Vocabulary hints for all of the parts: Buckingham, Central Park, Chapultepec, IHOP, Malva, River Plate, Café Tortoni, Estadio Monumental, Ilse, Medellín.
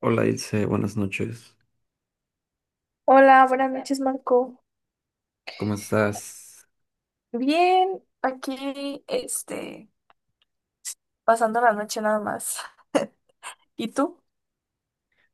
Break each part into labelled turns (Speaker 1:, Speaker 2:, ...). Speaker 1: Hola Ilse, buenas noches.
Speaker 2: Hola, buenas noches, Marco.
Speaker 1: ¿Cómo estás?
Speaker 2: Bien, aquí, pasando la noche nada más. ¿Y tú?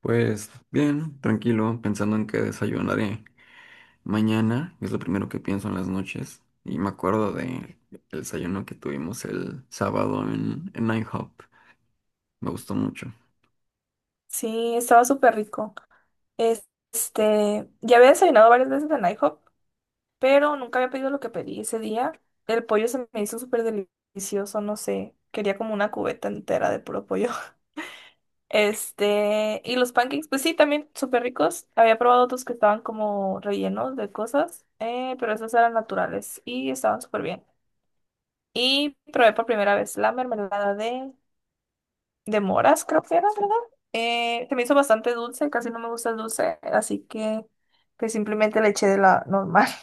Speaker 1: Pues bien, tranquilo, pensando en qué desayunaré mañana, es lo primero que pienso en las noches. Y me acuerdo de el desayuno que tuvimos el sábado en IHOP. Me gustó mucho.
Speaker 2: Sí, estaba súper rico. Es- ya había desayunado varias veces en IHOP, pero nunca había pedido lo que pedí ese día. El pollo se me hizo súper delicioso, no sé. Quería como una cubeta entera de puro pollo. Y los pancakes, pues sí, también súper ricos. Había probado otros que estaban como rellenos de cosas, pero esos eran naturales y estaban súper bien. Y probé por primera vez la mermelada de moras, creo que era, ¿verdad? Se me hizo bastante dulce, casi no me gusta el dulce, así que pues simplemente le eché de la normal.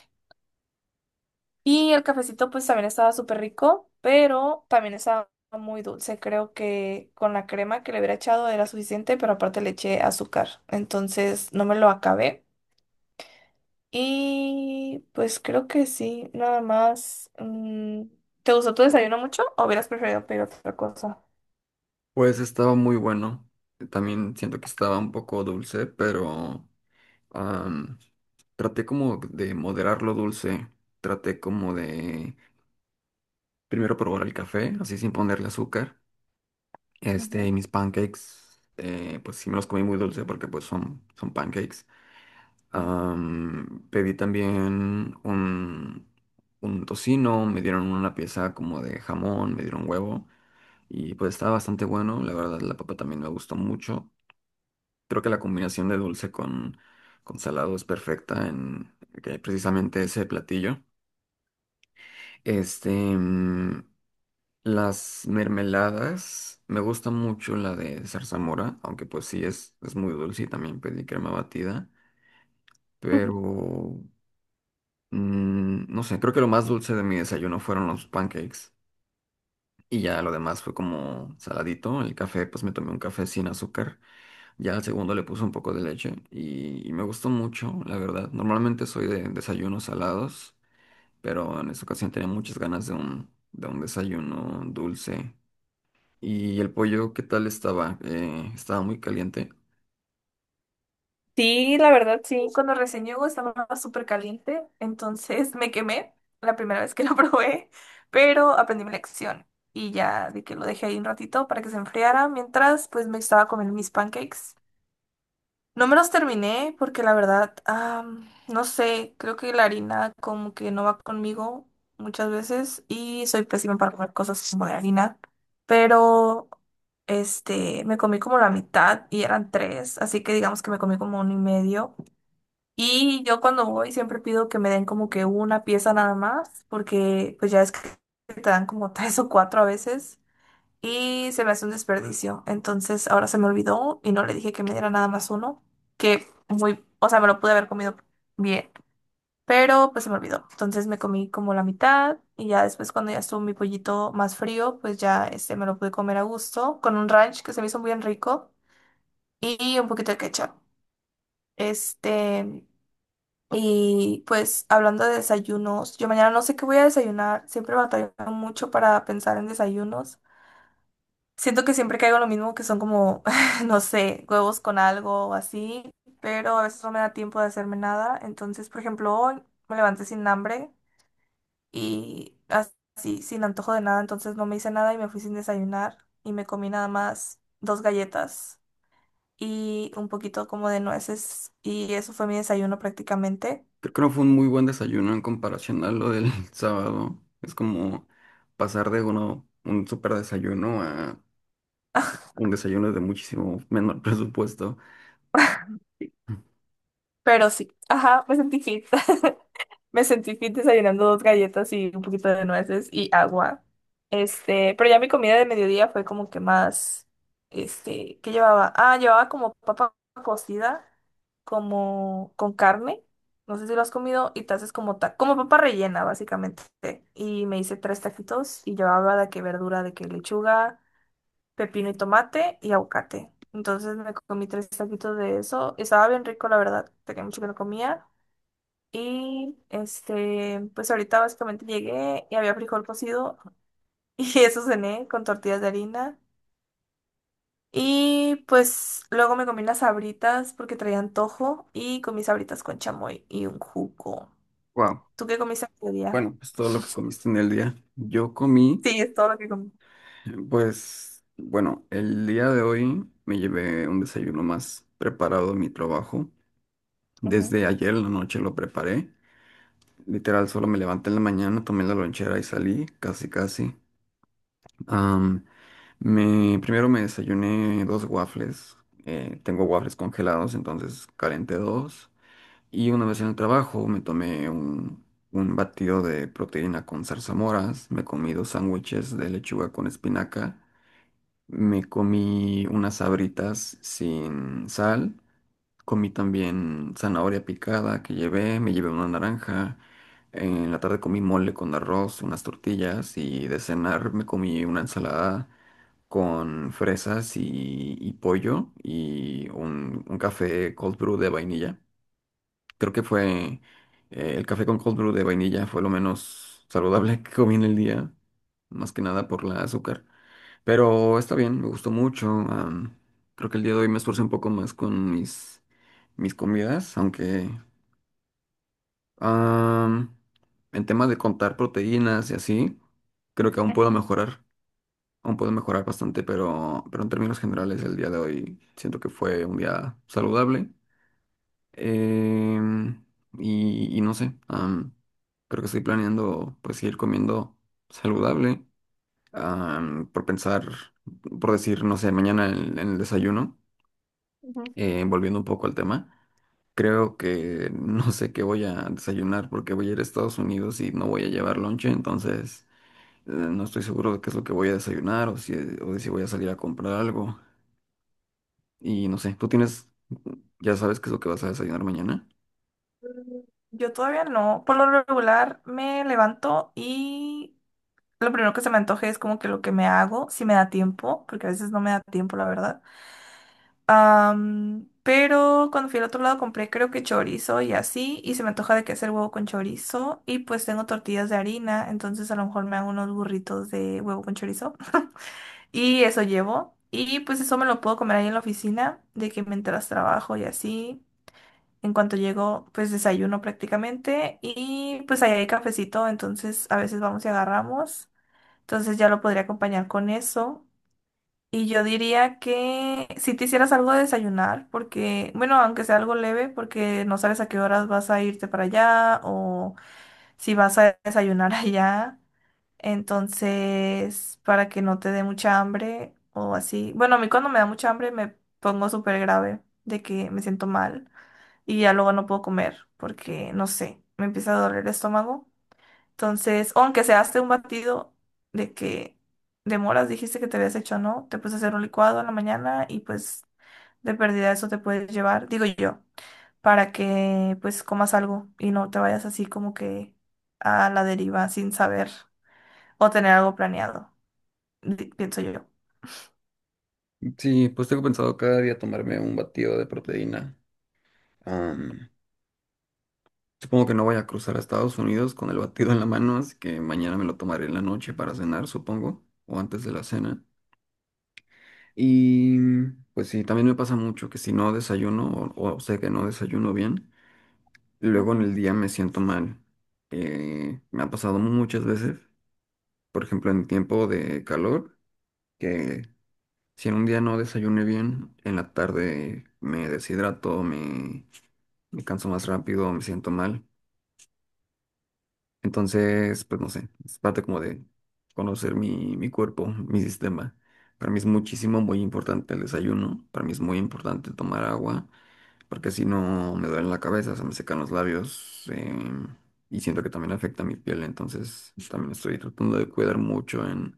Speaker 2: Y el cafecito pues también estaba súper rico, pero también estaba muy dulce. Creo que con la crema que le hubiera echado era suficiente, pero aparte le eché azúcar, entonces no me lo acabé. Y pues creo que sí, nada más. ¿Te gustó tu desayuno mucho o hubieras preferido pedir otra cosa?
Speaker 1: Pues estaba muy bueno. También siento que estaba un poco dulce, pero am, traté como de moderar lo dulce. Traté como de primero probar el café, así sin ponerle azúcar. Este, y mis pancakes, pues sí me los comí muy dulce porque pues son pancakes. Pedí también un tocino, me dieron una pieza como de jamón, me dieron huevo y pues estaba bastante bueno. La verdad, la papa también me gustó mucho. Creo que la combinación de dulce con salado es perfecta en que precisamente ese platillo. Este, mm, las mermeladas, me gusta mucho la de zarzamora, aunque pues sí es muy dulce y también pedí crema batida, pero mm, no sé, creo que lo más dulce de mi desayuno fueron los pancakes y ya lo demás fue como saladito. El café pues me tomé un café sin azúcar, ya al segundo le puse un poco de leche y me gustó mucho, la verdad. Normalmente soy de desayunos salados, pero en esta ocasión tenía muchas ganas de de un desayuno dulce. Y el pollo, ¿qué tal estaba? Estaba muy caliente.
Speaker 2: Sí, la verdad, sí. Cuando recién llegó estaba súper caliente, entonces me quemé la primera vez que lo probé, pero aprendí mi lección y ya de que lo dejé ahí un ratito para que se enfriara mientras pues me estaba comiendo mis pancakes. No me los terminé porque la verdad, no sé, creo que la harina como que no va conmigo muchas veces y soy pésima para comer cosas como de harina, pero me comí como la mitad y eran tres, así que digamos que me comí como uno y medio. Y yo cuando voy siempre pido que me den como que una pieza nada más, porque pues ya es que te dan como tres o cuatro a veces y se me hace un desperdicio. Entonces ahora se me olvidó y no le dije que me diera nada más uno, que muy, o sea, me lo pude haber comido bien, pero pues se me olvidó. Entonces me comí como la mitad y ya después cuando ya estuvo mi pollito más frío, pues ya me lo pude comer a gusto con un ranch que se me hizo muy bien rico y un poquito de ketchup. Este, y pues hablando de desayunos, yo mañana no sé qué voy a desayunar, siempre batallo mucho para pensar en desayunos. Siento que siempre caigo en lo mismo, que son como, no sé, huevos con algo o así, pero a veces no me da tiempo de hacerme nada. Entonces, por ejemplo, hoy me levanté sin hambre y así, sin antojo de nada, entonces no me hice nada y me fui sin desayunar y me comí nada más dos galletas y un poquito como de nueces y eso fue mi desayuno prácticamente.
Speaker 1: Creo que no fue un muy buen desayuno en comparación a lo del sábado. Es como pasar de uno, un súper desayuno a un desayuno de muchísimo menor presupuesto.
Speaker 2: Pero sí, ajá, me sentí fit. Me sentí fit desayunando dos galletas y un poquito de nueces y agua. Pero ya mi comida de mediodía fue como que más, ¿qué llevaba? Ah, llevaba como papa cocida, como con carne. No sé si lo has comido y te haces como como papa rellena, básicamente. Y me hice tres taquitos y llevaba de que verdura, de que lechuga, pepino y tomate y aguacate. Entonces me comí tres taquitos de eso. Estaba bien rico, la verdad. Tenía mucho que no comía. Y pues ahorita básicamente llegué y había frijol cocido y eso cené con tortillas de harina. Y pues luego me comí las sabritas porque traía antojo y comí sabritas con chamoy y un jugo.
Speaker 1: Wow.
Speaker 2: ¿Tú qué comiste ese día?
Speaker 1: Bueno, pues todo lo que comiste en el día. Yo comí,
Speaker 2: Sí, es todo lo que comí.
Speaker 1: pues, bueno, el día de hoy me llevé un desayuno más preparado a mi trabajo.
Speaker 2: Ujú,
Speaker 1: Desde ayer en la noche lo preparé. Literal, solo me levanté en la mañana, tomé la lonchera y salí, casi, casi. Am, Primero me desayuné dos waffles. Eh, tengo waffles congelados, entonces calenté dos. Y una vez en el trabajo me tomé un batido de proteína con zarzamoras. Me comí dos sándwiches de lechuga con espinaca. Me comí unas sabritas sin sal. Comí también zanahoria picada que llevé, me llevé una naranja. En la tarde comí mole con arroz, unas tortillas y de cenar me comí una ensalada con fresas y pollo y un café cold brew de vainilla. Creo que fue el café con cold brew de vainilla fue lo menos saludable que comí en el día, más que nada por la azúcar. Pero está bien, me gustó mucho. Creo que el día de hoy me esforcé un poco más con mis comidas, aunque am, en temas de contar proteínas y así, creo que
Speaker 2: ajá,
Speaker 1: aún puedo mejorar bastante, pero en términos generales el día de hoy siento que fue un día saludable. Em, y, y no sé, creo que estoy planeando pues ir comiendo saludable, por pensar, por decir, no sé, mañana en el desayuno,
Speaker 2: ujú.
Speaker 1: volviendo un poco al tema, creo que no sé qué voy a desayunar porque voy a ir a Estados Unidos y no voy a llevar lonche, entonces no estoy seguro de qué es lo que voy a desayunar o de si voy a salir a comprar algo y no sé, ¿tú tienes, ya sabes qué es lo que vas a desayunar mañana?
Speaker 2: Mm, yo todavía no. Por lo regular me levanto y lo primero que se me antoje es como que lo que me hago, si me da tiempo, porque a veces no me da tiempo, la verdad. Pero cuando fui al otro lado compré creo que chorizo y así, y se me antoja de que hacer huevo con chorizo, y pues tengo tortillas de harina, entonces a lo mejor me hago unos burritos de huevo con chorizo, y eso llevo, y pues eso me lo puedo comer ahí en la oficina, de que mientras trabajo y así, en cuanto llego pues desayuno prácticamente, y pues ahí hay cafecito, entonces a veces vamos y agarramos, entonces ya lo podría acompañar con eso. Y yo diría que si te hicieras algo de desayunar, porque, bueno, aunque sea algo leve, porque no sabes a qué horas vas a irte para allá o si vas a desayunar allá. Entonces, para que no te dé mucha hambre o así. Bueno, a mí cuando me da mucha hambre me pongo súper grave de que me siento mal y ya luego no puedo comer porque, no sé, me empieza a doler el estómago. Entonces, o aunque se hace un batido de que de moras dijiste que te habías hecho, ¿no? Te puedes hacer un licuado en la mañana y pues de pérdida eso te puedes llevar, digo yo, para que pues comas algo y no te vayas así como que a la deriva sin saber o tener algo planeado pienso yo.
Speaker 1: Sí, pues tengo pensado cada día tomarme un batido de proteína. Am, Supongo que no voy a cruzar a Estados Unidos con el batido en la mano, así que mañana me lo tomaré en la noche para cenar, supongo, o antes de la cena. Y pues sí, también me pasa mucho que si no desayuno o sé que no desayuno bien, luego en
Speaker 2: Ujú,
Speaker 1: el día me siento mal. Me ha pasado muchas veces, por ejemplo, en tiempo de calor, que si en un día no desayuné bien, en la tarde me deshidrato, me canso más rápido, me siento mal. Entonces, pues no sé, es parte como de conocer mi cuerpo, mi sistema. Para mí es muchísimo, muy importante el desayuno, para mí es muy importante tomar agua, porque si no me duele la cabeza, se me secan los labios em, y siento que también afecta mi piel, entonces también estoy tratando de cuidar mucho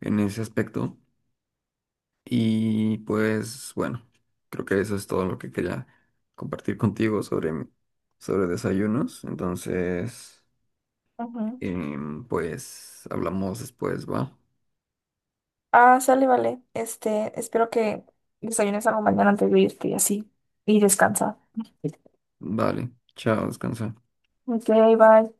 Speaker 1: en ese aspecto. Y pues bueno, creo que eso es todo lo que quería compartir contigo sobre, mi- sobre desayunos, entonces...
Speaker 2: ujú.
Speaker 1: Em, pues hablamos después, ¿va?
Speaker 2: Ah, sale, vale. Espero que desayunes algo mañana antes de irte y así. Y descansa.
Speaker 1: Vale, chao, descansa.
Speaker 2: Ok, bye.